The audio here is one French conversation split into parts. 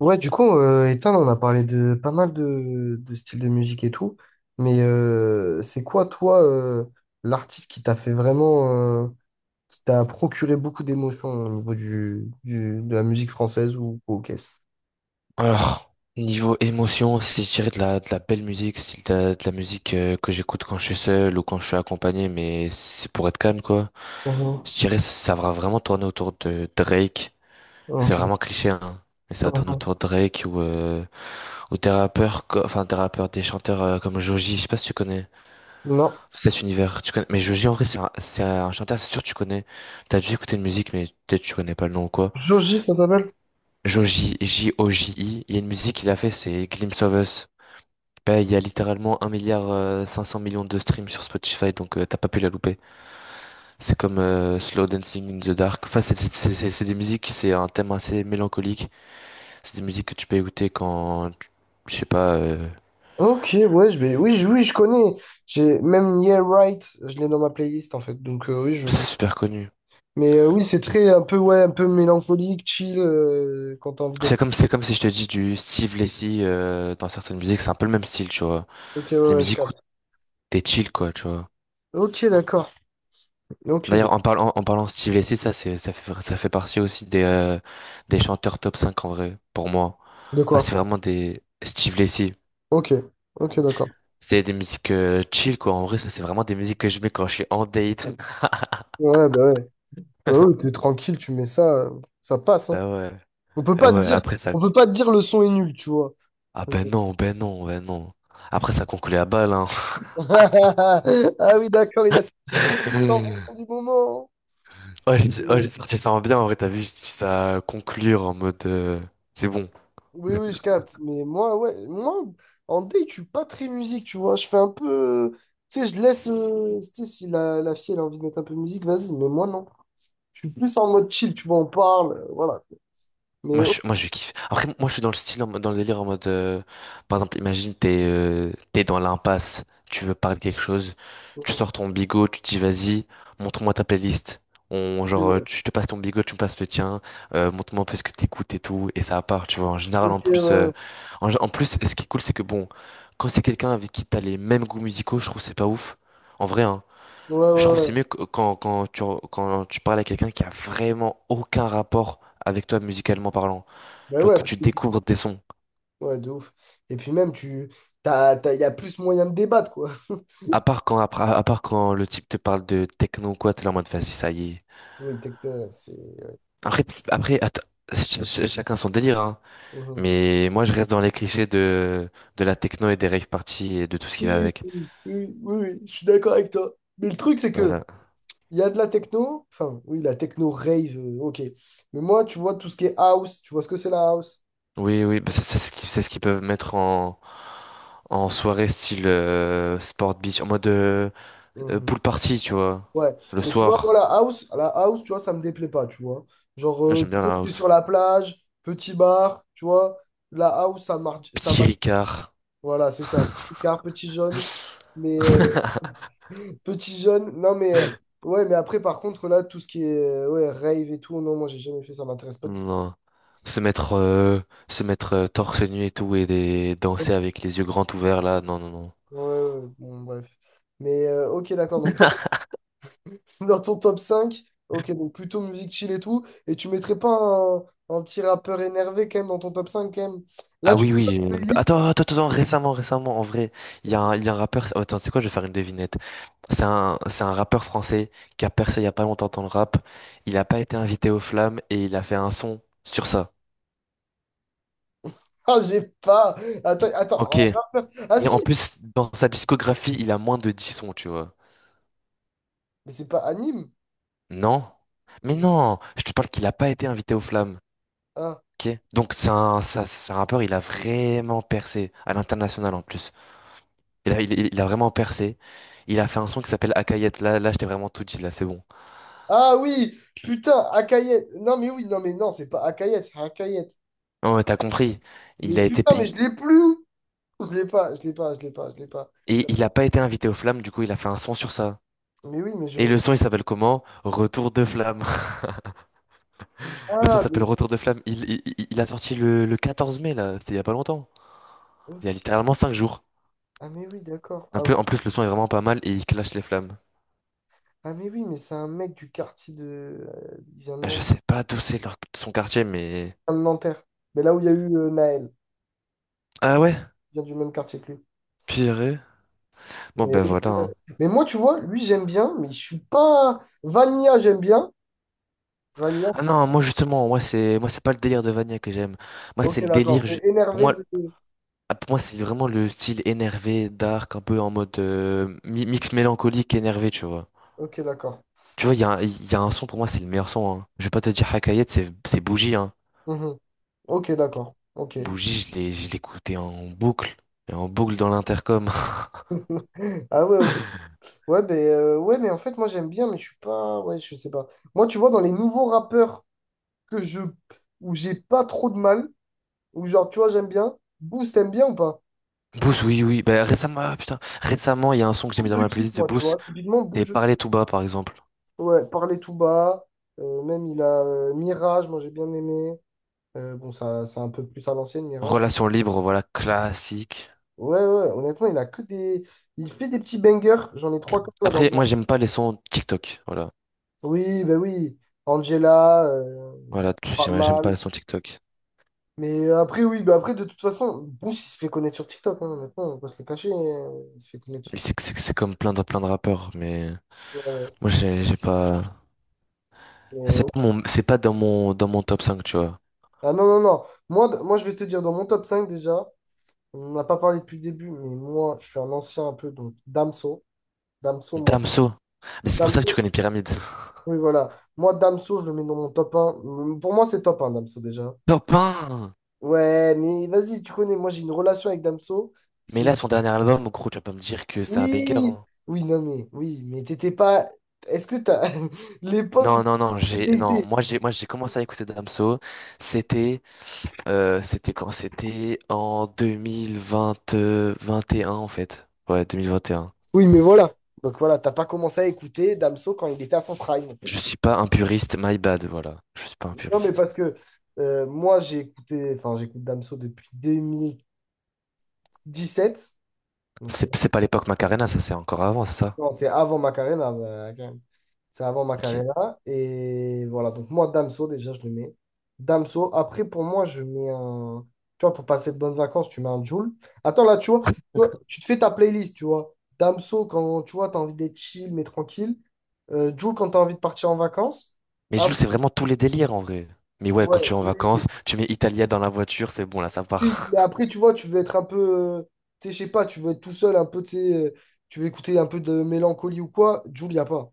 Ouais, du coup, Ethan, on a parlé de pas mal de styles de musique et tout, mais c'est quoi, toi, l'artiste qui t'a fait vraiment, qui t'a procuré beaucoup d'émotions au niveau de la musique française ou au caisse? Alors, niveau émotion, si je dirais de la belle musique, style de la musique, que j'écoute quand je suis seul ou quand je suis accompagné, mais c'est pour être calme, quoi. Je Mhm. dirais ça va vraiment tourner autour de Drake. C'est Ok. vraiment cliché, hein. Mais ça tourne Mhm. autour de Drake ou des rappeurs, des chanteurs comme Joji, je sais pas si tu connais Non. cet univers. Tu connais, mais Joji, en vrai, c'est un chanteur, c'est sûr que tu connais. T'as dû écouter une musique, mais peut-être tu connais pas le nom ou quoi. Joji, ça s'appelle? Joji, Joji, il y a une musique qu'il a fait, c'est Glimpse of Us. Bah, il y a littéralement un milliard 500 millions de streams sur Spotify, donc t'as pas pu la louper. C'est comme Slow Dancing in the Dark. Enfin, c'est des musiques, c'est un thème assez mélancolique. C'est des musiques que tu peux écouter, je sais pas, Ok, ouais, je vais... oui, oui, je connais. J'ai même Yeah Right, je l'ai dans ma playlist en fait, donc oui, je c'est connais. super connu. Mais oui, c'est très un peu, ouais, un peu mélancolique, chill, quand t'as envie C'est d'être. comme, c'est comme si je te dis du Steve Lacy dans certaines musiques, c'est un peu le même style, tu vois. Ok, ouais, Des ouais, je musiques où capte. t'es chill, quoi, tu vois. Ok, d'accord. Ok, ben. D'ailleurs, en parlant, de Steve Lacy, ça fait partie aussi des chanteurs top cinq, en vrai, pour moi. De Enfin, quoi? c'est vraiment des Steve Lacy. Ok, ok, d'accord. C'est des musiques chill, quoi. En vrai, ça, c'est vraiment des musiques que je mets quand je suis en date. Ouais, bah ouais. Bah ouais, t'es tranquille, tu mets ça, ça passe, hein. Bah ouais. On peut Bah pas te ouais, dire, après ça. on peut pas te dire le son est nul, tu vois. Ah ben non, ben non, ben non. Après, ça conclut à balle, hein. Ah oui, d'accord, il a sa petite playlist en fonction du moment, hein. Oh, j'ai, oh, Mais- j'ai sorti ça en bien, en vrai, t'as vu, je dis ça à conclure en mode, c'est bon. Oui, oui, je capte. Mais moi, ouais, moi, en date, je suis pas très musique, tu vois. Je fais un peu. Tu sais, je laisse, tu sais, si la fille, elle a envie de mettre un peu de musique, vas-y. Mais moi, non. Je suis plus en mode chill, tu vois, on parle, voilà. Mais, Moi oh, je, moi je kiffe. Après, moi je suis dans le style dans le délire en mode par exemple imagine t'es t'es dans l'impasse, tu veux parler de quelque chose, tu euh, sors ton bigot, tu te dis vas-y, montre-moi ta playlist. On genre, ouais. Te passes ton bigot, tu me passes le tien, montre-moi un peu ce que t'écoutes et tout et ça part, tu vois. En général, Ok, en ouais, plus euh, ouais, en, gé- en plus ce qui est cool, c'est que bon, quand c'est quelqu'un avec qui t'as les mêmes goûts musicaux, je trouve que c'est pas ouf. En vrai, hein. ouais, Je trouve que ouais, ouais. c'est mieux que quand tu parles à quelqu'un qui a vraiment aucun rapport avec toi musicalement parlant. Ben Genre ouais, que parce tu que... découvres des sons. Ouais, de ouf. Et puis même, tu... T'as... y a plus moyen de débattre, quoi. À part quand le type te parle de techno ou quoi, t'es là en mode, vas-y, ça y est. Oui, techno, ouais, c'est... ouais. Après, après atta- ch- ch- chacun son délire, hein. Mhm. Mais moi, je reste dans les clichés de la techno et des rave parties et de tout ce qui va Oui, avec. oui, oui, oui, je suis d'accord avec toi. Mais le truc, c'est que Voilà. il y a de la techno, enfin, oui, la techno rave, ok. Mais moi, tu vois, tout ce qui est house, tu vois ce que c'est la house? Oui, oui, bah, c'est ce qu'ils peuvent mettre en soirée, style sport beach, en mode, Mhm. pool party, tu vois. Ouais, Le mais tu vois, moi, soir. La house, tu vois, ça me déplaît pas, tu vois. Genre, Moi, j'aime bien la tu es house. sur la plage, petit bar, tu vois, la house, ça marche, ça. Petit Ricard. Voilà, c'est ça. Petit Picard, petit jaune. Mais petit jaune. Non, mais ouais, mais après, par contre, là, tout ce qui est ouais, rave et tout, non, moi, j'ai jamais fait ça. M'intéresse pas du tout. Non. Se mettre, euh, se mettre torse nu et tout, et Ouais, danser avec les yeux grands ouverts là, non, non, non. ouais, ouais. Bon, bref. Mais ok, d'accord. Donc, toi, dans ton top cinq. Ok, donc plutôt musique chill et tout. Et tu mettrais pas un petit rappeur énervé quand même dans ton top 5 quand même. Là, Ah tu fais oui, pas oui. de on ne peut- playlist? Attends, attends, attends, récemment, récemment, en vrai, il y a Ok. un, il y a un rappeur. Oh, attends, c'est quoi, je vais faire une devinette. C'est un rappeur français qui a percé il y a pas longtemps dans le rap. Il a pas été invité aux flammes et il a fait un son sur ça. Ah, j'ai pas. Attends, Ok. attends, un Et rappeur. Ah, si! en plus, dans sa discographie, il a moins de 10 sons, tu vois. Mais c'est pas anime. Non? Mais non, je te parle qu'il a pas été invité aux flammes. Ah. Ok. Donc c'est un rappeur, il a vraiment percé à l'international en plus. Il a vraiment percé. Il a fait un son qui s'appelle Akayet. Là, là, je t'ai vraiment tout dit, là, c'est bon. Ah oui, putain, Akayet. Non mais oui, non mais non, c'est pas Akayet, c'est Akayet. Non, mais t'as compris. Mais Il a été, putain, mais il- je l'ai plus. Je l'ai pas, je l'ai pas, je l'ai pas, je l'ai pas. Tu et il a pas été invité aux flammes, du coup, il a fait un son sur ça. vois. Mais oui, Et le son, il s'appelle comment? Retour de flamme. Le son Ah s'appelle mais Retour de flamme. Il a sorti le 14 mai, là, c'était il y a pas longtemps. Il y ok. a littéralement 5 jours. Ah mais oui, d'accord. Un Ah, oui. peu, en plus, le son est vraiment pas mal et il clash les flammes. Ah mais oui, mais c'est un mec du quartier de. euh, il vient de Je Nan- sais pas d'où c'est son quartier, mais. il vient de Nanterre. Mais là où il y a eu Naël, Ah ouais? il vient du même quartier que lui. Pire. Bon, Mais, ben ok. voilà, hein. Mais moi, tu vois, lui j'aime bien, mais je suis pas. Vanilla, j'aime bien. Vanilla. Ah non, moi justement, moi c'est pas le délire de Vania que j'aime. Moi c'est Ok, le d'accord. délire. C'est Pour énervé moi, de. pour moi, c'est vraiment le style énervé, dark, un peu en mode, mix mélancolique énervé, tu vois. Ok, d'accord. Tu vois, il y a un son, pour moi c'est le meilleur son, hein. Je vais pas te dire Hakayet, c'est Bougie. Hein. Mhm. Ok, d'accord. Ok. Bougie, je l'écoutais en boucle, et en boucle dans l'intercom. Ah ouais, ok. Ouais, ben, ouais, mais en fait, moi, j'aime bien, mais je suis pas... Ouais, je sais pas. Moi, tu vois, dans les nouveaux rappeurs que je... où j'ai pas trop de mal, où genre, tu vois, j'aime bien, Booz, t'aimes bien ou pas? Boost, oui oui. Ben récemment, ah, putain, récemment il y a un son que j'ai Booz, mis dans je ma kiffe, playlist de moi, tu Boost. vois. Typiquement, Booz, C'est je... Parler tout bas, par exemple. Ouais, Parler tout bas. Même, il a Mirage, moi, j'ai bien aimé. Bon, ça, c'est un peu plus à l'ancienne, Mirage. Relation libre, voilà, classique. Ouais, ouais, honnêtement, il a que des... Il fait des petits bangers. J'en ai trois comme là dans Après, le... moi, j'aime pas les sons TikTok. Voilà. Oui, ben oui. Angela, Voilà, pas j'aime pas les mal. sons TikTok. Mais après, oui, bah après, de toute façon, Bruce, il se fait connaître sur TikTok, hein, maintenant, on peut se le cacher, il se fait connaître sur Et c'est comme plein de rappeurs, mais TikTok, ouais. moi, j'ai pas. Mais, C'est pas mon, c'est pas dans mon, dans mon top cinq, tu vois. ah non, non, non, moi, moi, je vais te dire, dans mon top 5 déjà, on n'a pas parlé depuis le début, mais moi, je suis un ancien un peu, donc Damso, Damso, moi, Damso. Mais c'est pour ça que tu Damso, connais Pyramide. oui, voilà, moi, Damso, je le mets dans mon top un. Mm. Pour moi, c'est top un Damso, déjà. Top 1! Ouais, mais vas-y, tu connais, moi, j'ai une relation avec Damso, c'est Mais une- là, son dernier album, gros, tu vas pas me dire que c'est un banger, Oui, hein. oui, non, mais, oui, mais t'étais pas... Est-ce que t'as l'époque où... Non, non, non, j'ai, non, moi, j'ai commencé à écouter Damso. C'était, c'était quand? C'était en 2020, 21, en fait. Ouais, 2021. Oui, mais voilà. Donc voilà, t'as pas commencé à écouter Damso quand il était à son prime, en Je fait. suis pas un puriste, my bad, voilà. Je suis pas un Non, mais puriste. parce que moi, j'ai écouté, enfin, j'écoute Damso depuis 2017. Donc, C'est c'est pas l'époque Macarena, ça c'est encore avant, c'est ça. non, c'est avant Macarena, bah, quand même. C'est avant Ok. Macarena. Et voilà, donc moi, Damso, déjà, je le mets. Damso, après, pour moi, je mets un... Tu vois, pour passer de bonnes vacances, tu mets un Jul. Attends, là, tu vois, tu te fais ta playlist, tu vois. Damso, quand tu vois, t'as envie d'être chill, mais tranquille. Jul, quand t'as envie de partir en vacances. Mais Jules, c'est vraiment tous les délires, en vrai. Mais ouais, Ouais, quand tu es en oui, oui. vacances, tu mets Italia dans la voiture, c'est bon, là ça Oui, mais part. après, tu vois, tu veux être un peu, euh, tu sais, je sais pas, tu veux être tout seul, un peu, tu sais, tu veux écouter un peu de mélancolie ou quoi, Jul, y a pas.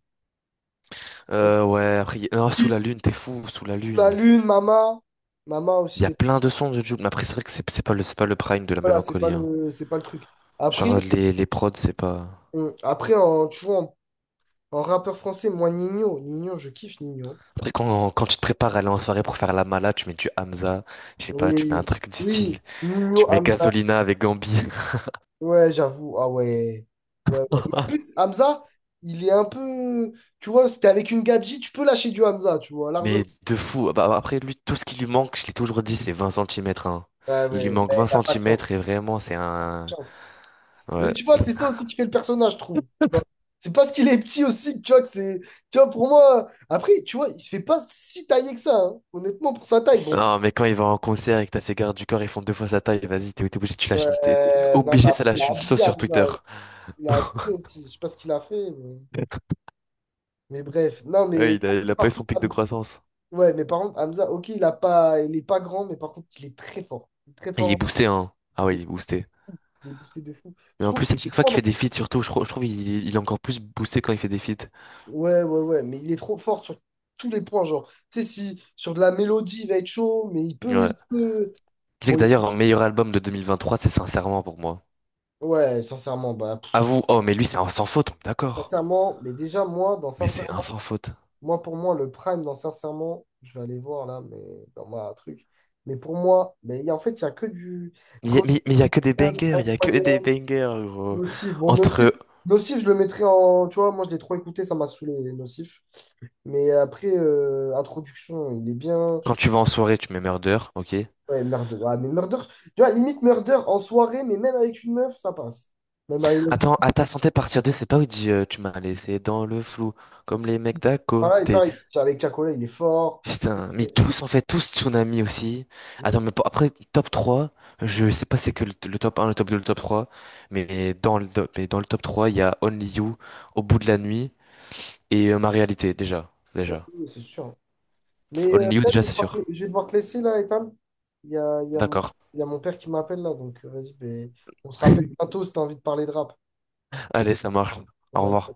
Donc, Ouais, après, non, sous si, la lune, t'es fou, sous la sous la lune. lune, Mama, Mama Il aussi, y a les... plein de sons de Jules, mais après c'est vrai que c'est pas le prime de la Voilà, mélancolie, hein. C'est pas le truc. Genre, Après, les prods, c'est pas. Après en, tu vois, en rappeur français, moi, Nino, Nino, je kiffe Nino. Après, quand tu te prépares à aller en soirée pour faire la mala, tu mets du Hamza, je sais pas, tu mets Oui, un truc du oui, style, tu Nino, mets Hamza, Gasolina avec Gambi. ouais, j'avoue, ah ouais, ouais, ouais. Mais En plus, Hamza, il est un peu, tu vois, si t'es avec une gadji, tu peux lâcher du Hamza, tu vois, largement. Mais de fou. Ah, bah, après, lui, tout ce qui lui manque, je l'ai toujours dit, c'est 20 centimètres. Hein. Ouais, Il lui ouais, manque ouais, 20 il a pas de chance. Pas centimètres et vraiment, c'est un. de chance. Mais Ouais. tu vois, c'est ça aussi qui fait le personnage, je trouve. Tu vois. C'est parce qu'il est petit aussi, tu vois, que c'est. Tu vois, pour moi. Après, tu vois, il se fait pas si tailler que ça, hein. Honnêtement, pour sa taille, bon. Non, mais quand il va en concert et que t'as ses gardes du corps, ils font deux fois sa taille, vas-y, t'es obligé, tu lâches une. T'es Ouais, non, obligé, ça après, il a lâche une sauce abusé, sur Twitter. Hamza. Il a abusé aussi. Je sais pas ce qu'il a fait, mais bref. Non, Ouais, mais, il a, il après, a pas eu par son contre, pic de croissance. Ouais, mais par contre, Hamza, ok, il a pas... il est pas grand, mais par contre, il est très fort. Il est très Et il est fort. boosté, hein. Ah ouais, Il il est, est boosté. il est boosté de fou. Mais Je en trouve plus, que à chaque fois qu'il fait des feats, surtout, je trouve il est encore plus boosté quand il fait des feats. Ouais, ouais, ouais, mais il est trop fort sur tous les points, genre, tu sais, si sur de la mélodie, il va être chaud, mais Ouais. il peut. Tu sais que Bon, d'ailleurs, un meilleur album de 2023, c'est Sincèrement pour moi. ouais, sincèrement, bah, pff, À vous, oh, mais lui, c'est un sans faute, d'accord. sincèrement, mais déjà, moi, dans Mais c'est un sincèrement, sans faute. moi, pour moi, le prime dans sincèrement, je vais aller voir là, mais dans ma truc, mais pour moi, en fait, il n'y a que du Il y a- mais Coldplay, il y a que des bangers, il y a que des Incroyable, bangers, gros. Nocif. Bon, Nocif, Entre Nocif, je le mettrais en, tu vois, moi, je l'ai trop écouté, ça m'a saoulé, Nocif, mais après, introduction, il est bien. quand tu vas en soirée, tu mets Murder, ok. Ouais, Murder. Ah, mais Murder, tu vois, limite Murder en soirée, mais même avec une meuf, ça passe. Même avec une meuf, Attends, à ta santé, partir deux, c'est pas où il dit tu m'as laissé dans le flou, comme c'est- les mecs d'à voilà, et côté. pareil, avec Chacola, il est fort. Putain, mais Et- tous, en fait, tous, Tsunami aussi. Attends, euh, mais après, top trois, je sais pas c'est que le top un, le top deux, le top trois, mais dans le top 3 il y a Only You, Au bout de la nuit et Ma réalité, déjà. Déjà. C'est sûr. Mais Only You, là, je déjà, vais c'est devoir, sûr. je vais devoir te laisser, là, Ethan. Il y a, il y a mon, D'accord. il y a mon père qui m'appelle, là, donc vas-y, ben, on se rappelle bientôt si t'as envie de parler de rap. Allez, ça marche. Au Ouais. revoir.